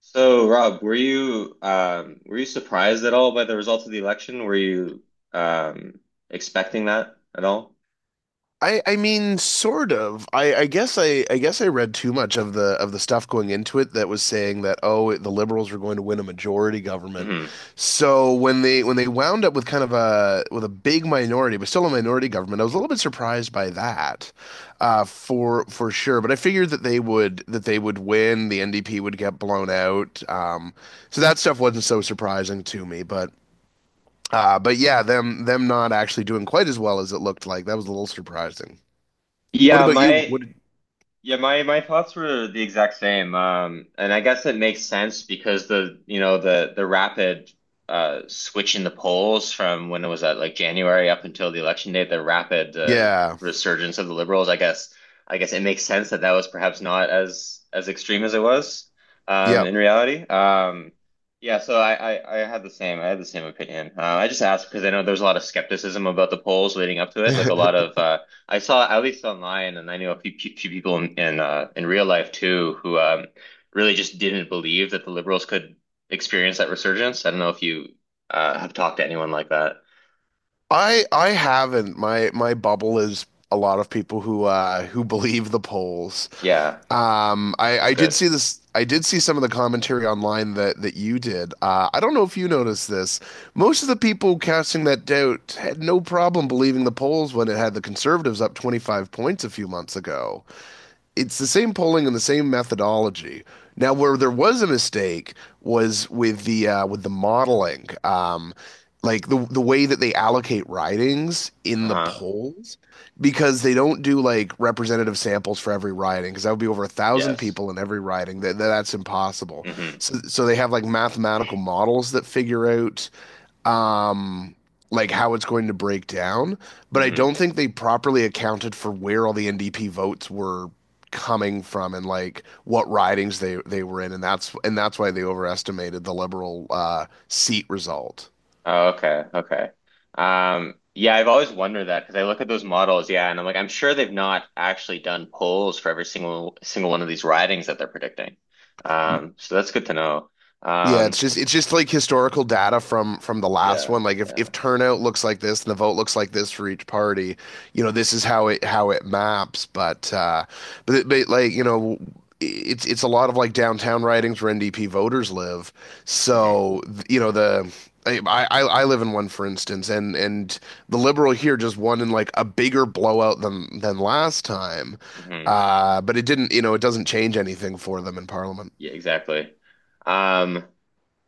So, Rob, were you surprised at all by the result of the election? Were you um, Expecting that at all? I mean sort of. I guess I read too much of the stuff going into it that was saying that oh the liberals were going to win a majority government. Hmm. So when they wound up with kind of a with a big minority but still a minority government, I was a little bit surprised by that. For sure, but I figured that they would win, the NDP would get blown out. So that stuff wasn't so surprising to me, but yeah, them not actually doing quite as well as it looked like. That was a little surprising. What Yeah, about you? my What? Yeah, my thoughts were the exact same. And I guess it makes sense because the rapid switch in the polls from when it was at like January up until the election day, the rapid Yeah. resurgence of the liberals. I guess it makes sense that that was perhaps not as as extreme as it was Yep. in reality. Yeah, so I had the same I had the same opinion. I just asked because I know there's a lot of skepticism about the polls leading up to I it, like a lot of. I saw at least online, and I knew a few people in real life too who really just didn't believe that the liberals could experience that resurgence. I don't know if you have talked to anyone like that. I haven't. My bubble is a lot of people who believe the polls. Yeah, Um, I that's I did good. see this. I did see some of the commentary online that you did. I don't know if you noticed this. Most of the people casting that doubt had no problem believing the polls when it had the conservatives up 25 points a few months ago. It's the same polling and the same methodology. Now, where there was a mistake was with the modeling, like the way that they allocate ridings in the Uh-huh. polls, because they don't do like representative samples for every riding, because that would be over a thousand Yes. people in every riding. That's impossible. Mm-hmm. So they have like mathematical models that figure out um, like how it's going to break down. But I Mm-hmm. don't think they properly accounted for where all the NDP votes were coming from and like what ridings they were in, and that's why they overestimated the liberal seat result. Oh, okay. Okay. Yeah, I've always wondered that because I look at those models, yeah, and I'm like, I'm sure they've not actually done polls for every single one of these ridings that they're predicting. So that's good to know. Yeah, it's Um, just it's just like historical data from the last yeah, one. Like yeah. if turnout looks like this and the vote looks like this for each party, you know, this is how it maps. But but like, you know, it's a lot of like downtown ridings where NDP voters live. Mhm. So, you know, the I I live in one for instance and the Liberal here just won in like a bigger blowout than last time. Hmm. But it didn't, you know, it doesn't change anything for them in Parliament. Yeah, exactly. Um,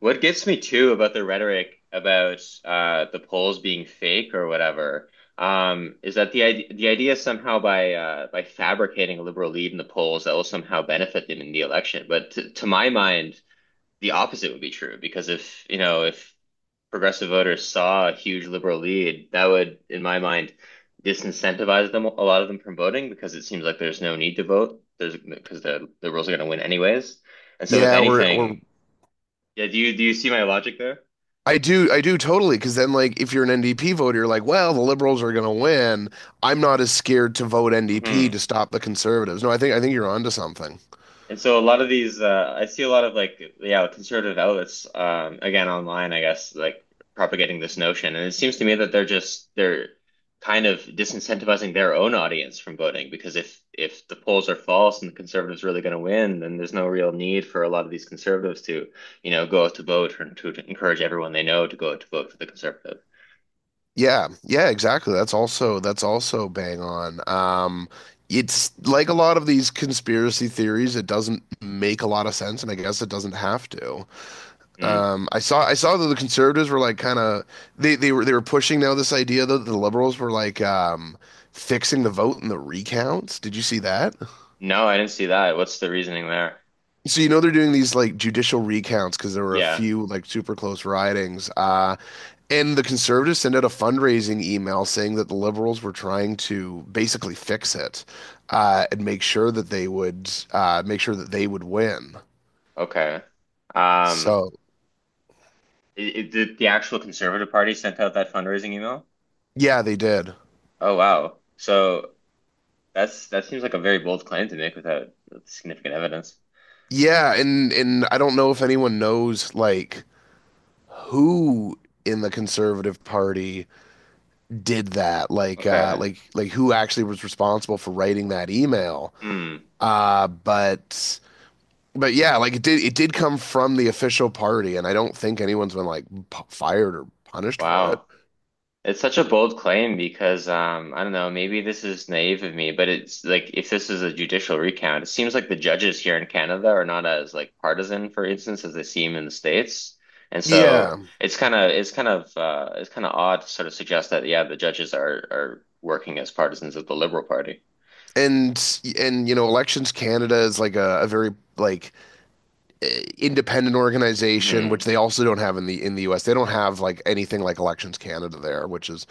what gets me too about the rhetoric about the polls being fake or whatever, is that the idea somehow by fabricating a liberal lead in the polls that will somehow benefit them in the election. But to my mind, the opposite would be true because if you know if progressive voters saw a huge liberal lead, that would, in my mind, disincentivize them, a lot of them, from voting because it seems like there's no need to vote. There's because the liberals are going to win anyways. And so, if Yeah, we're anything, yeah, do you see my logic there? I do totally. Because then, like, if you're an NDP voter, you're like, well, the liberals are going to win. I'm not as scared to vote NDP to Hmm. stop the conservatives. No, I think you're onto something. And so a lot of these, I see a lot of like, yeah, conservative outlets, again, online, I guess, like propagating this notion. And it seems to me that they're kind of disincentivizing their own audience from voting because if the polls are false and the conservatives really going to win, then there's no real need for a lot of these conservatives to, you know, go out to vote or to encourage everyone they know to go out to vote for the conservative. Yeah, yeah, exactly. That's also bang on. It's like a lot of these conspiracy theories. It doesn't make a lot of sense, and I guess it doesn't have to. Mm. I saw that the conservatives were like kind of they were pushing now this idea that the liberals were like fixing the vote in the recounts. Did you see that? No, I didn't see that. What's the reasoning there? So you know they're doing these like judicial recounts because there were a Yeah. few like super close ridings. And the conservatives sent out a fundraising email saying that the liberals were trying to basically fix it and make sure that they would win. Okay. Um, So did the actual Conservative Party sent out that fundraising email? yeah, they did. Oh wow. So that's that seems like a very bold claim to make without significant evidence. Yeah, and I don't know if anyone knows like who in the Conservative Party did that, like uh, Okay. like like who actually was responsible for writing that email. Hmm. Uh, but But yeah, like it did come from the official party, and I don't think anyone's been like p fired or punished for it. Wow. It's such a bold claim because I don't know, maybe this is naive of me, but it's like if this is a judicial recount, it seems like the judges here in Canada are not as like partisan, for instance, as they seem in the States. And Yeah, so it's it's kind of odd to sort of suggest that yeah, the judges are working as partisans of the Liberal Party. and you know, Elections Canada is like a very like uh, independent organization, which Hmm. they also don't have in the U.S. They don't have like anything like Elections Canada there, which is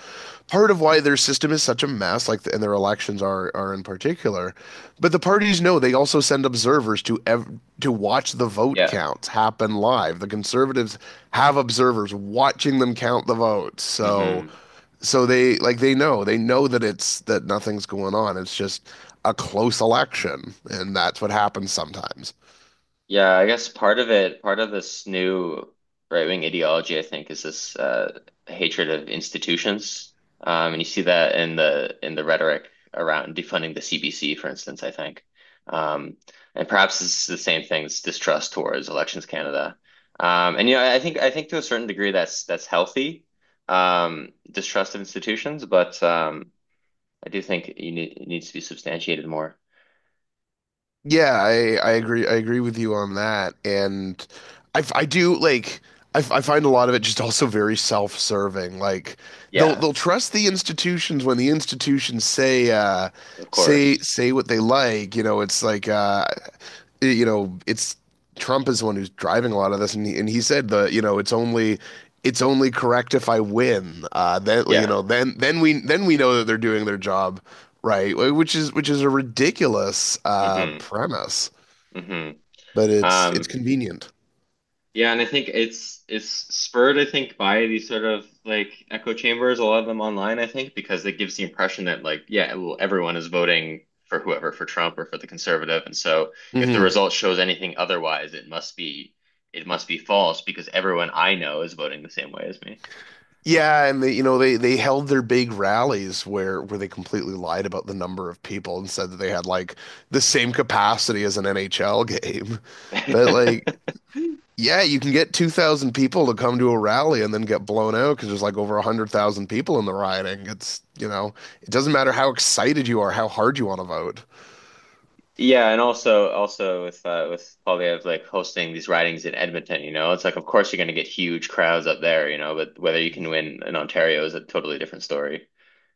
part of why their system is such a mess. Like, the, and their elections are in particular. But the parties know they also send observers to ev- to watch the vote Yeah. counts happen live. The Conservatives have observers watching them count the votes, so Hmm. they know they know that it's that nothing's going on. It's just a close election, and that's what happens sometimes. Yeah, I guess part of it, part of this new right-wing ideology, I think, is this hatred of institutions. And you see that in the rhetoric around defunding the CBC, for instance, I think. Um, and perhaps it's the same thing, this distrust towards Elections Canada. And you know, I think to a certain degree that's healthy, distrust of institutions, but I do think you need, it needs to be substantiated more. Yeah, I agree with you on that. And I f- I do like I, f- I find a lot of it just also very self-serving. Like they'll Yeah. they'll trust the institutions when the institutions say uh Of say course. say what they like, you know, it's like you know, it's Trump is the one who's driving a lot of this, and he said the you know it's only correct if I win. Then you Yeah. know then we know that they're doing their job right, which is a ridiculous Mm-hmm. premise, Mm-hmm. but it's Um, convenient. yeah, and I think it's spurred, I think, by these sort of like echo chambers, a lot of them online, I think, because it gives the impression that like, yeah, well, everyone is voting for whoever, for Trump or for the conservative. And so if the Hmm result shows anything otherwise, it must be false because everyone I know is voting the same way as me. Yeah, and they, you know they held their big rallies where they completely lied about the number of people and said that they had like the same capacity as an NHL game, but like yeah, you can get 2,000 people to come to a rally and then get blown out because there's like over 100,000 people in the rioting. It's, you know, it doesn't matter how excited you are, how hard you want to vote. Yeah, and also with Paulie of like hosting these ridings in Edmonton, you know, it's like of course you're going to get huge crowds up there, you know, but whether you can win in Ontario is a totally different story.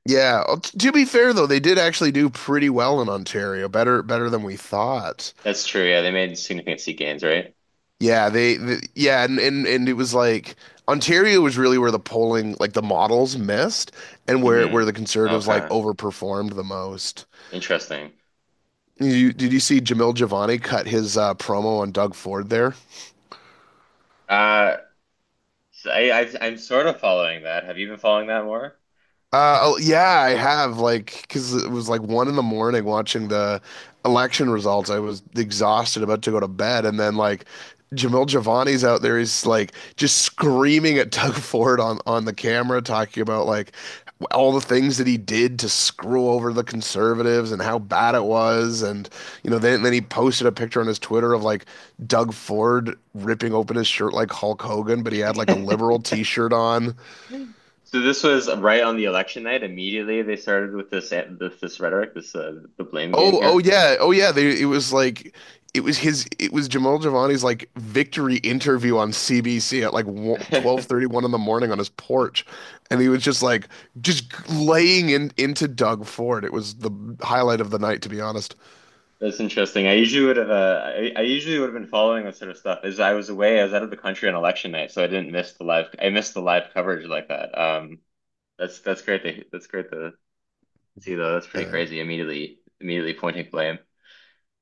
Yeah, to be fair though, they did actually do pretty well in Ontario, better than we thought. That's true. Yeah, they made significant seat gains, right? Yeah, they yeah, and it was like Ontario was really where the polling, like the models missed and where Hmm. The conservatives like Okay, overperformed the most. interesting. You, did you see Jamil Giovanni cut his promo on Doug Ford there? Uh, so I'm sort of following that. Have you been following that more? Oh, yeah, I have like because it was like one in the morning watching the election results. I was exhausted, about to go to bed, and then like Jamil Giovanni's out there. He's like just screaming at Doug Ford on the camera, talking about like all the things that he did to screw over the conservatives and how bad it was. And you know, then he posted a picture on his Twitter of like Doug Ford ripping open his shirt like Hulk Hogan, but he had like a liberal t-shirt on. So this was right on the election night. Immediately they started with this rhetoric, this the blame game Oh here. yeah, oh yeah. They, it was like it was Jamal Giovanni's like victory interview on CBC at like 12:31 in the morning on his porch, and he was just like just laying in into Doug Ford. It was the highlight of the night, to be honest. That's interesting. I usually would have I usually would have been following that sort of stuff. As I was away, I was out of the country on election night, so I didn't miss the live I missed the live coverage like that. That's that's great to see though. That's pretty Uh, crazy. Immediately pointing blame.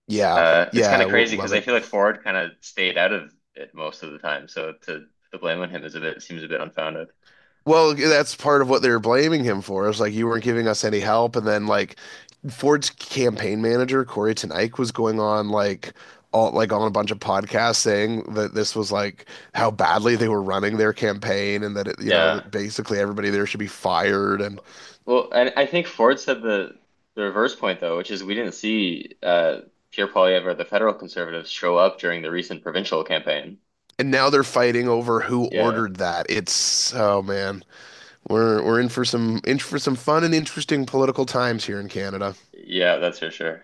yeah, It's kind yeah, of we'll crazy love because I it. feel like Ford kind of stayed out of it most of the time. So to put the blame on him is a bit seems a bit unfounded. Well, that's part of what they were blaming him for. It's like you weren't giving us any help, and then like Ford's campaign manager Corey Ten Eyck was going on like all like on a bunch of podcasts saying that this was like how badly they were running their campaign, and that it, you know Yeah. that basically everybody there should be fired, Well, and I think Ford said the reverse point though, which is we didn't see Pierre Poilievre or the federal conservatives show up during the recent provincial campaign. and now they're fighting over who Yeah. ordered that. It's oh man, we're in for some fun and interesting political times here in Canada. Yeah, that's for sure.